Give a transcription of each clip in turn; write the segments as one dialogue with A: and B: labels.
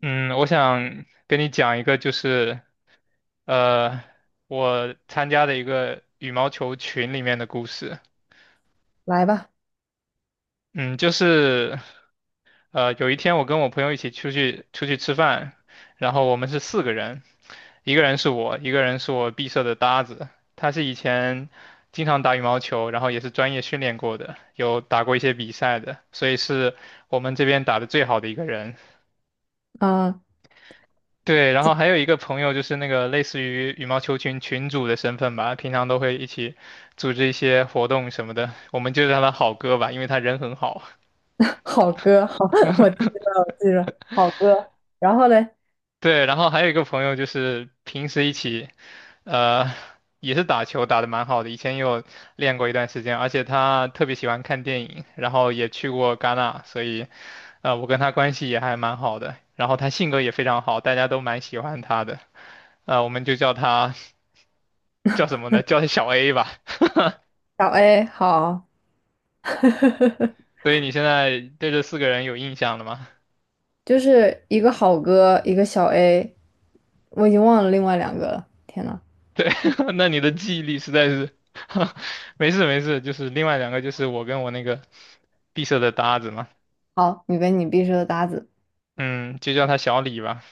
A: 嗯，我想跟你讲一个，就是呃，我参加的一个羽毛球群里面的故事。
B: 来吧，
A: 嗯，就是有一天我跟我朋友一起出去吃饭，然后我们是四个人，一个人是我，一个人是我毕设的搭子，他是以前经常打羽毛球，然后也是专业训练过的，有打过一些比赛的，所以是我们这边打的最好的一个人。
B: 啊，
A: 对，然后还有一个朋友就是那个类似于羽毛球群群主的身份吧，平常都会一起组织一些活动什么的，我们就叫他好哥吧，因为他人很好。
B: 好哥，好，我记着，我记着，好哥。然后嘞，
A: 对，然后还有一个朋友就是平时一起，呃，也是打球打得蛮好的，以前也有练过一段时间，而且他特别喜欢看电影，然后也去过戛纳，所以，我跟他关系也还蛮好的，然后他性格也非常好，大家都蛮喜欢他的，我们就叫他 叫什么呢？叫他小 A 吧。
B: 小 A 好，
A: 所以你现在对这四个人有印象了吗？
B: 就是一个好哥，一个小 A，我已经忘了另外两个了。天呐，
A: 对，那你的记忆力实在是，没事没事，就是另外两个就是我跟我那个闭塞的搭子嘛，
B: 好，你跟你必须的搭子，
A: 嗯，就叫他小李吧，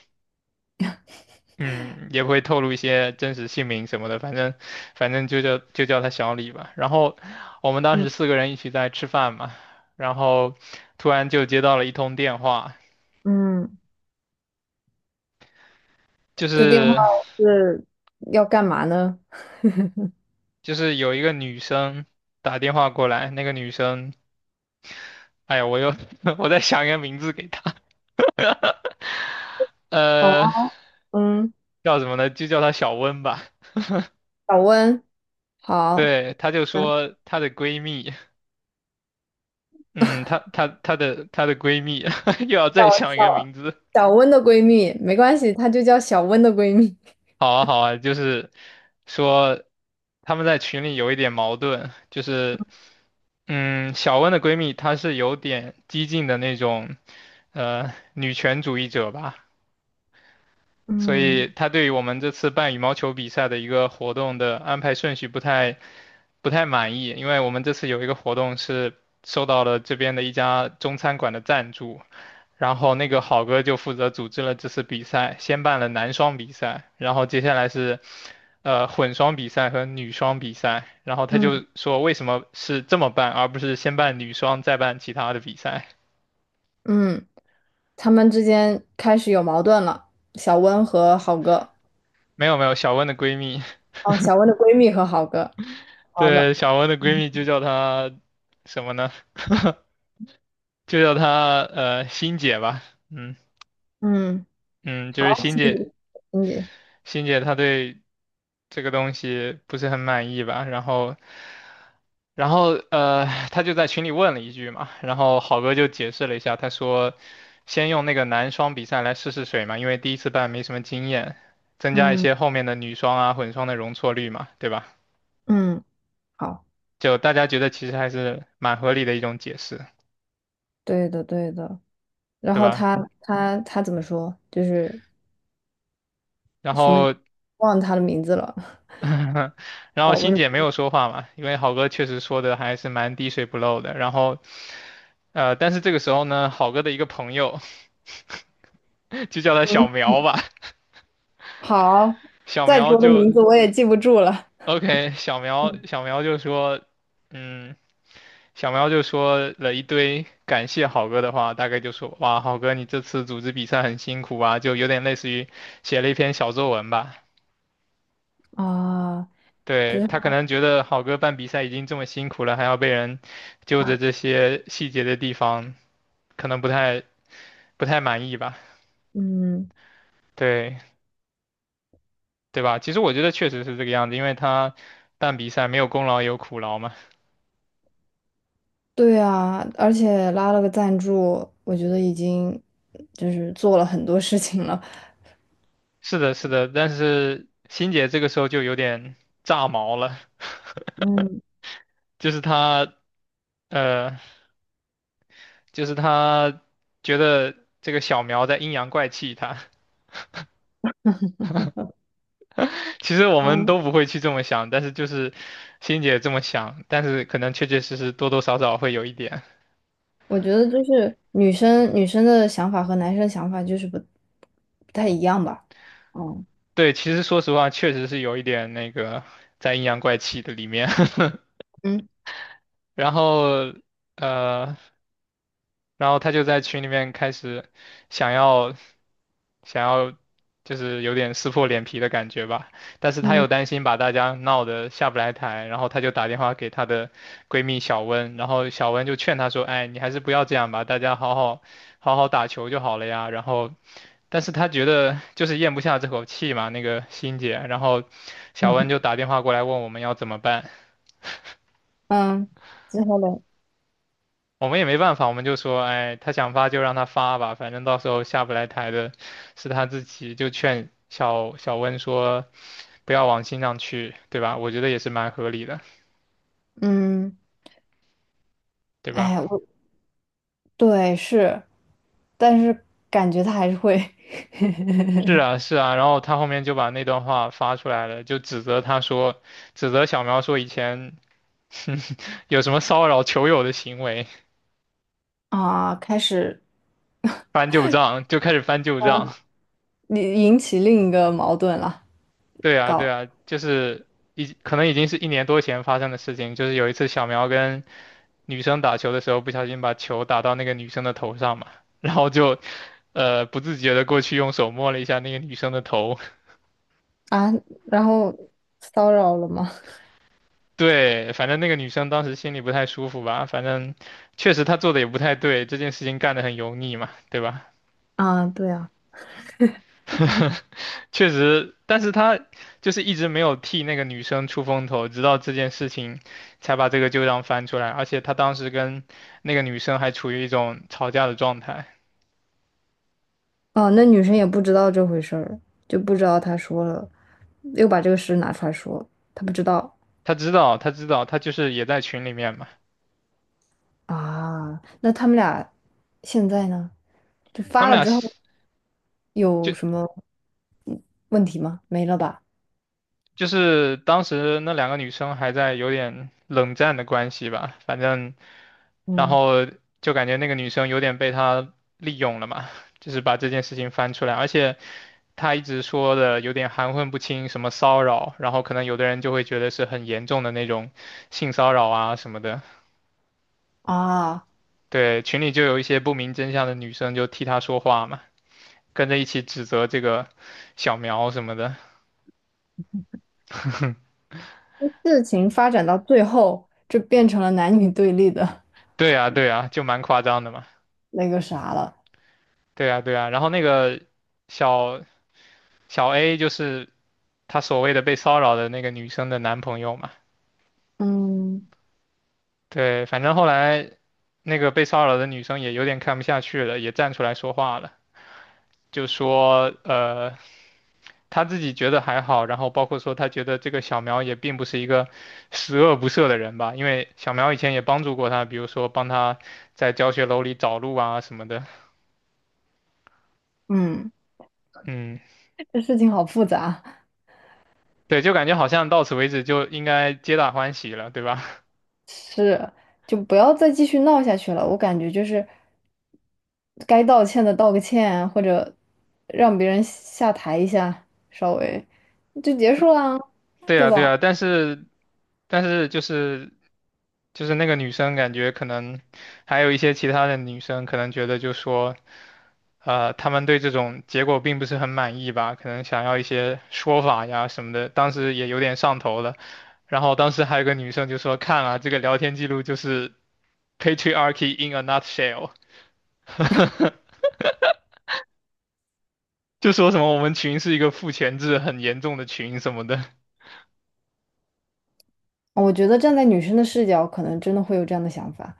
A: 嗯，也不会透露一些真实姓名什么的，反正就叫他小李吧。然后我们当
B: 嗯
A: 时四个人一起在吃饭嘛，然后突然就接到了一通电话，
B: 嗯，
A: 就
B: 这电话
A: 是
B: 是要干嘛呢？
A: 就是有一个女生打电话过来，那个女生。哎呀，我又 我在想一个名字给她，
B: 好
A: 呃，
B: 啊，嗯，
A: 叫什么呢？就叫她小温吧。
B: 小温，好，
A: 对，她就
B: 嗯，
A: 说她的闺蜜，嗯，她的闺蜜 又要
B: 小
A: 再想一个
B: 小
A: 名字。
B: 小温的闺蜜，没关系，她就叫小温的闺蜜。
A: 好啊好啊，就是说他们在群里有一点矛盾，就是嗯，小温的闺蜜她是有点激进的那种女权主义者吧。所以
B: 嗯
A: 他对于我们这次办羽毛球比赛的一个活动的安排顺序不太满意，因为我们这次有一个活动是受到了这边的一家中餐馆的赞助，然后那个好哥就负责组织了这次比赛，先办了男双比赛，然后接下来是混双比赛和女双比赛，然后他
B: 嗯
A: 就说为什么是这么办，而不是先办女双再办其他的比赛？
B: 嗯。他们之间开始有矛盾了。小温和好哥，
A: 没有没有，小温的闺蜜。
B: 哦，小温的闺蜜和好哥，好的，
A: 对，小文的闺蜜就叫她什么呢？就叫她欣姐吧。嗯
B: 嗯，
A: 嗯，就
B: 好，
A: 是欣
B: 心
A: 姐，
B: 理心理，
A: 欣姐她对这个东西不是很满意吧？然后她就在群里问了一句嘛，然后好哥就解释了一下，他说先用那个男双比赛来试试水嘛，因为第一次办没什么经验，增加一
B: 嗯
A: 些后面的女双啊、混双的容错率嘛，对吧？
B: 嗯，好，
A: 就大家觉得其实还是蛮合理的一种解释，
B: 对的对的。然
A: 对
B: 后
A: 吧？
B: 他怎么说？就是
A: 然
B: 什么，
A: 后
B: 忘了他的名字了。
A: 然后
B: 小温
A: 欣姐没
B: 的，
A: 有说话嘛，因为好哥确实说的还是蛮滴水不漏的。然后但是这个时候呢，好哥的一个朋友 就叫他小
B: 嗯，
A: 苗吧，
B: 好，
A: 小
B: 再
A: 苗
B: 多的
A: 就
B: 名字我也记不住了。
A: OK，小苗就说，嗯，小苗就说了一堆感谢好哥的话，大概就说哇，好哥你这次组织比赛很辛苦啊，就有点类似于写了一篇小作文吧。
B: 啊，就
A: 对，
B: 是，
A: 他可能觉得好哥办比赛已经这么辛苦了，还要被人揪着这些细节的地方，可能不太满意吧？
B: 嗯，
A: 对，对吧？其实我觉得确实是这个样子，因为他办比赛没有功劳有苦劳嘛。
B: 对啊，而且拉了个赞助，我觉得已经就是做了很多事情了。
A: 是的，是的，但是欣姐这个时候就有点炸毛了，
B: 嗯
A: 就是他，呃，就是他觉得这个小苗在阴阳怪气他。其实我们
B: 嗯，
A: 都不会去这么想，但是就是欣姐这么想，但是可能确确实实多多少少会有一点。
B: 我觉得就是女生的想法和男生想法就是不太一样吧。嗯
A: 对，其实说实话，确实是有一点那个在阴阳怪气的里面。
B: 嗯
A: 然后呃，然后他就在群里面开始想要想要就是有点撕破脸皮的感觉吧，但是他又担心把大家闹得下不来台，然后他就打电话给她的闺蜜小温，然后小温就劝她说：“哎，你还是不要这样吧，大家好好打球就好了呀。”然后，但是他觉得就是咽不下这口气嘛，那个欣姐，然后小温就
B: 嗯
A: 打电话过来问我们要怎么办。
B: 嗯之后呢？
A: 我们也没办法，我们就说，哎，他想发就让他发吧，反正到时候下不来台的是他自己，就劝小温说不要往心上去，对吧？我觉得也是蛮合理的，
B: 嗯，
A: 对吧？
B: 哎，我对是，但是感觉他还是会
A: 是啊，是啊，然后他后面就把那段话发出来了，就指责他说，指责小苗说以前 有什么骚扰球友的行为，
B: 啊，开始
A: 翻旧账，就开始翻旧账。
B: 引起另一个矛盾了，
A: 对啊，对
B: 搞
A: 啊，就是可能已经是一年多前发生的事情，就是有一次小苗跟女生打球的时候，不小心把球打到那个女生的头上嘛，然后就不自觉的过去用手摸了一下那个女生的头，
B: 啊，然后骚扰了吗？
A: 对，反正那个女生当时心里不太舒服吧，反正确实她做的也不太对，这件事情干得很油腻嘛，对吧？
B: 啊，对啊。
A: 确实，但是他就是一直没有替那个女生出风头，直到这件事情才把这个旧账翻出来。而且他当时跟那个女生还处于一种吵架的状态，
B: 哦，那女生也不知道这回事儿，就不知道他说了，又把这个事拿出来说，他不知道
A: 他知道，他知道，他就是也在群里面嘛。
B: 啊。那他们俩现在呢？就
A: 他
B: 发
A: 们
B: 了
A: 俩
B: 之
A: 是
B: 后有什
A: 就
B: 么问题吗？没了吧？
A: 就是当时那两个女生还在有点冷战的关系吧，反正，然
B: 嗯，
A: 后就感觉那个女生有点被他利用了嘛，就是把这件事情翻出来，而且。他一直说的有点含混不清，什么骚扰，然后可能有的人就会觉得是很严重的那种性骚扰啊什么的。
B: 啊，
A: 对，群里就有一些不明真相的女生就替他说话嘛，跟着一起指责这个小苗什么的。
B: 事情发展到最后，就变成了男女对立的
A: 对啊，对啊，就蛮夸张的嘛。
B: 那个啥了。
A: 对啊，对啊。然后那个小小 A 就是他所谓的被骚扰的那个女生的男朋友嘛。
B: 嗯，
A: 对，反正后来那个被骚扰的女生也有点看不下去了，也站出来说话了，就说。他自己觉得还好，然后包括说他觉得这个小苗也并不是一个十恶不赦的人吧，因为小苗以前也帮助过他，比如说帮他在教学楼里找路啊什么的。
B: 嗯，
A: 嗯，
B: 这事情好复杂，
A: 对，就感觉好像到此为止就应该皆大欢喜了，对吧？
B: 是，就不要再继续闹下去了。我感觉就是。该道歉的道个歉啊，或者让别人下台一下，稍微就结束啦，
A: 对
B: 对
A: 呀，对
B: 吧？
A: 呀，但是，就是那个女生感觉可能还有一些其他的女生可能觉得就说，她们对这种结果并不是很满意吧，可能想要一些说法呀什么的，当时也有点上头了。然后当时还有个女生就说，看啊，这个聊天记录就是 patriarchy in a nutshell，就说什么我们群是一个父权制很严重的群什么的。
B: 我觉得站在女生的视角，可能真的会有这样的想法。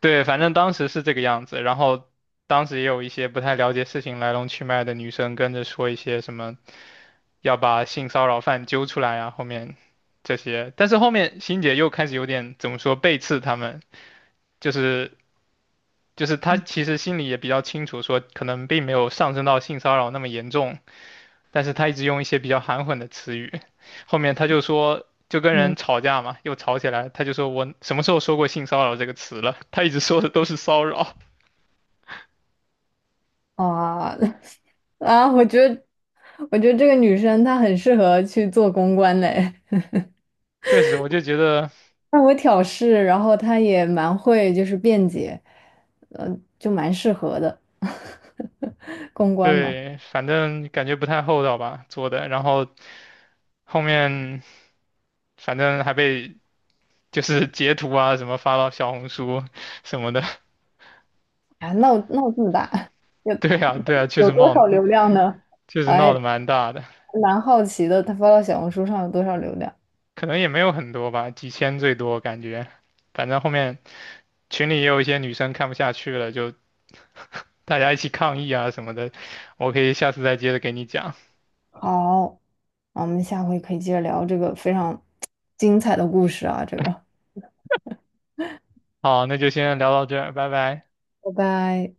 A: 对，反正当时是这个样子，然后当时也有一些不太了解事情来龙去脉的女生跟着说一些什么要把性骚扰犯揪出来啊，后面这些，但是后面欣姐又开始有点怎么说背刺他们，就是就是她其实心里也比较清楚，说可能并没有上升到性骚扰那么严重，但是她一直用一些比较含混的词语，后面她就说。就跟人
B: 嗯
A: 吵架嘛，又吵起来，她就说我什么时候说过性骚扰这个词了？她一直说的都是骚扰。
B: 啊 啊，我觉得这个女生她很适合去做公关嘞，
A: 确实，我就觉得
B: 她我挑事，然后她也蛮会就是辩解，嗯，就蛮适合的 公关嘛。
A: 对，反正感觉不太厚道吧做的，然后后面反正还被就是截图啊什么发到小红书什么的。
B: 啊，闹这么大，有
A: 对啊，对啊，确
B: 有
A: 实
B: 多
A: 冒，
B: 少流量呢？
A: 确实闹
B: 哎，
A: 得蛮大的，
B: 蛮好奇的，他发到小红书上有多少流量？
A: 可能也没有很多吧，几千最多感觉。反正后面群里也有一些女生看不下去了，就大家一起抗议啊什么的。我可以下次再接着给你讲。
B: 好，那我们下回可以接着聊这个非常精彩的故事啊，这个，
A: 好，那就先聊到这儿，拜拜。
B: 拜拜。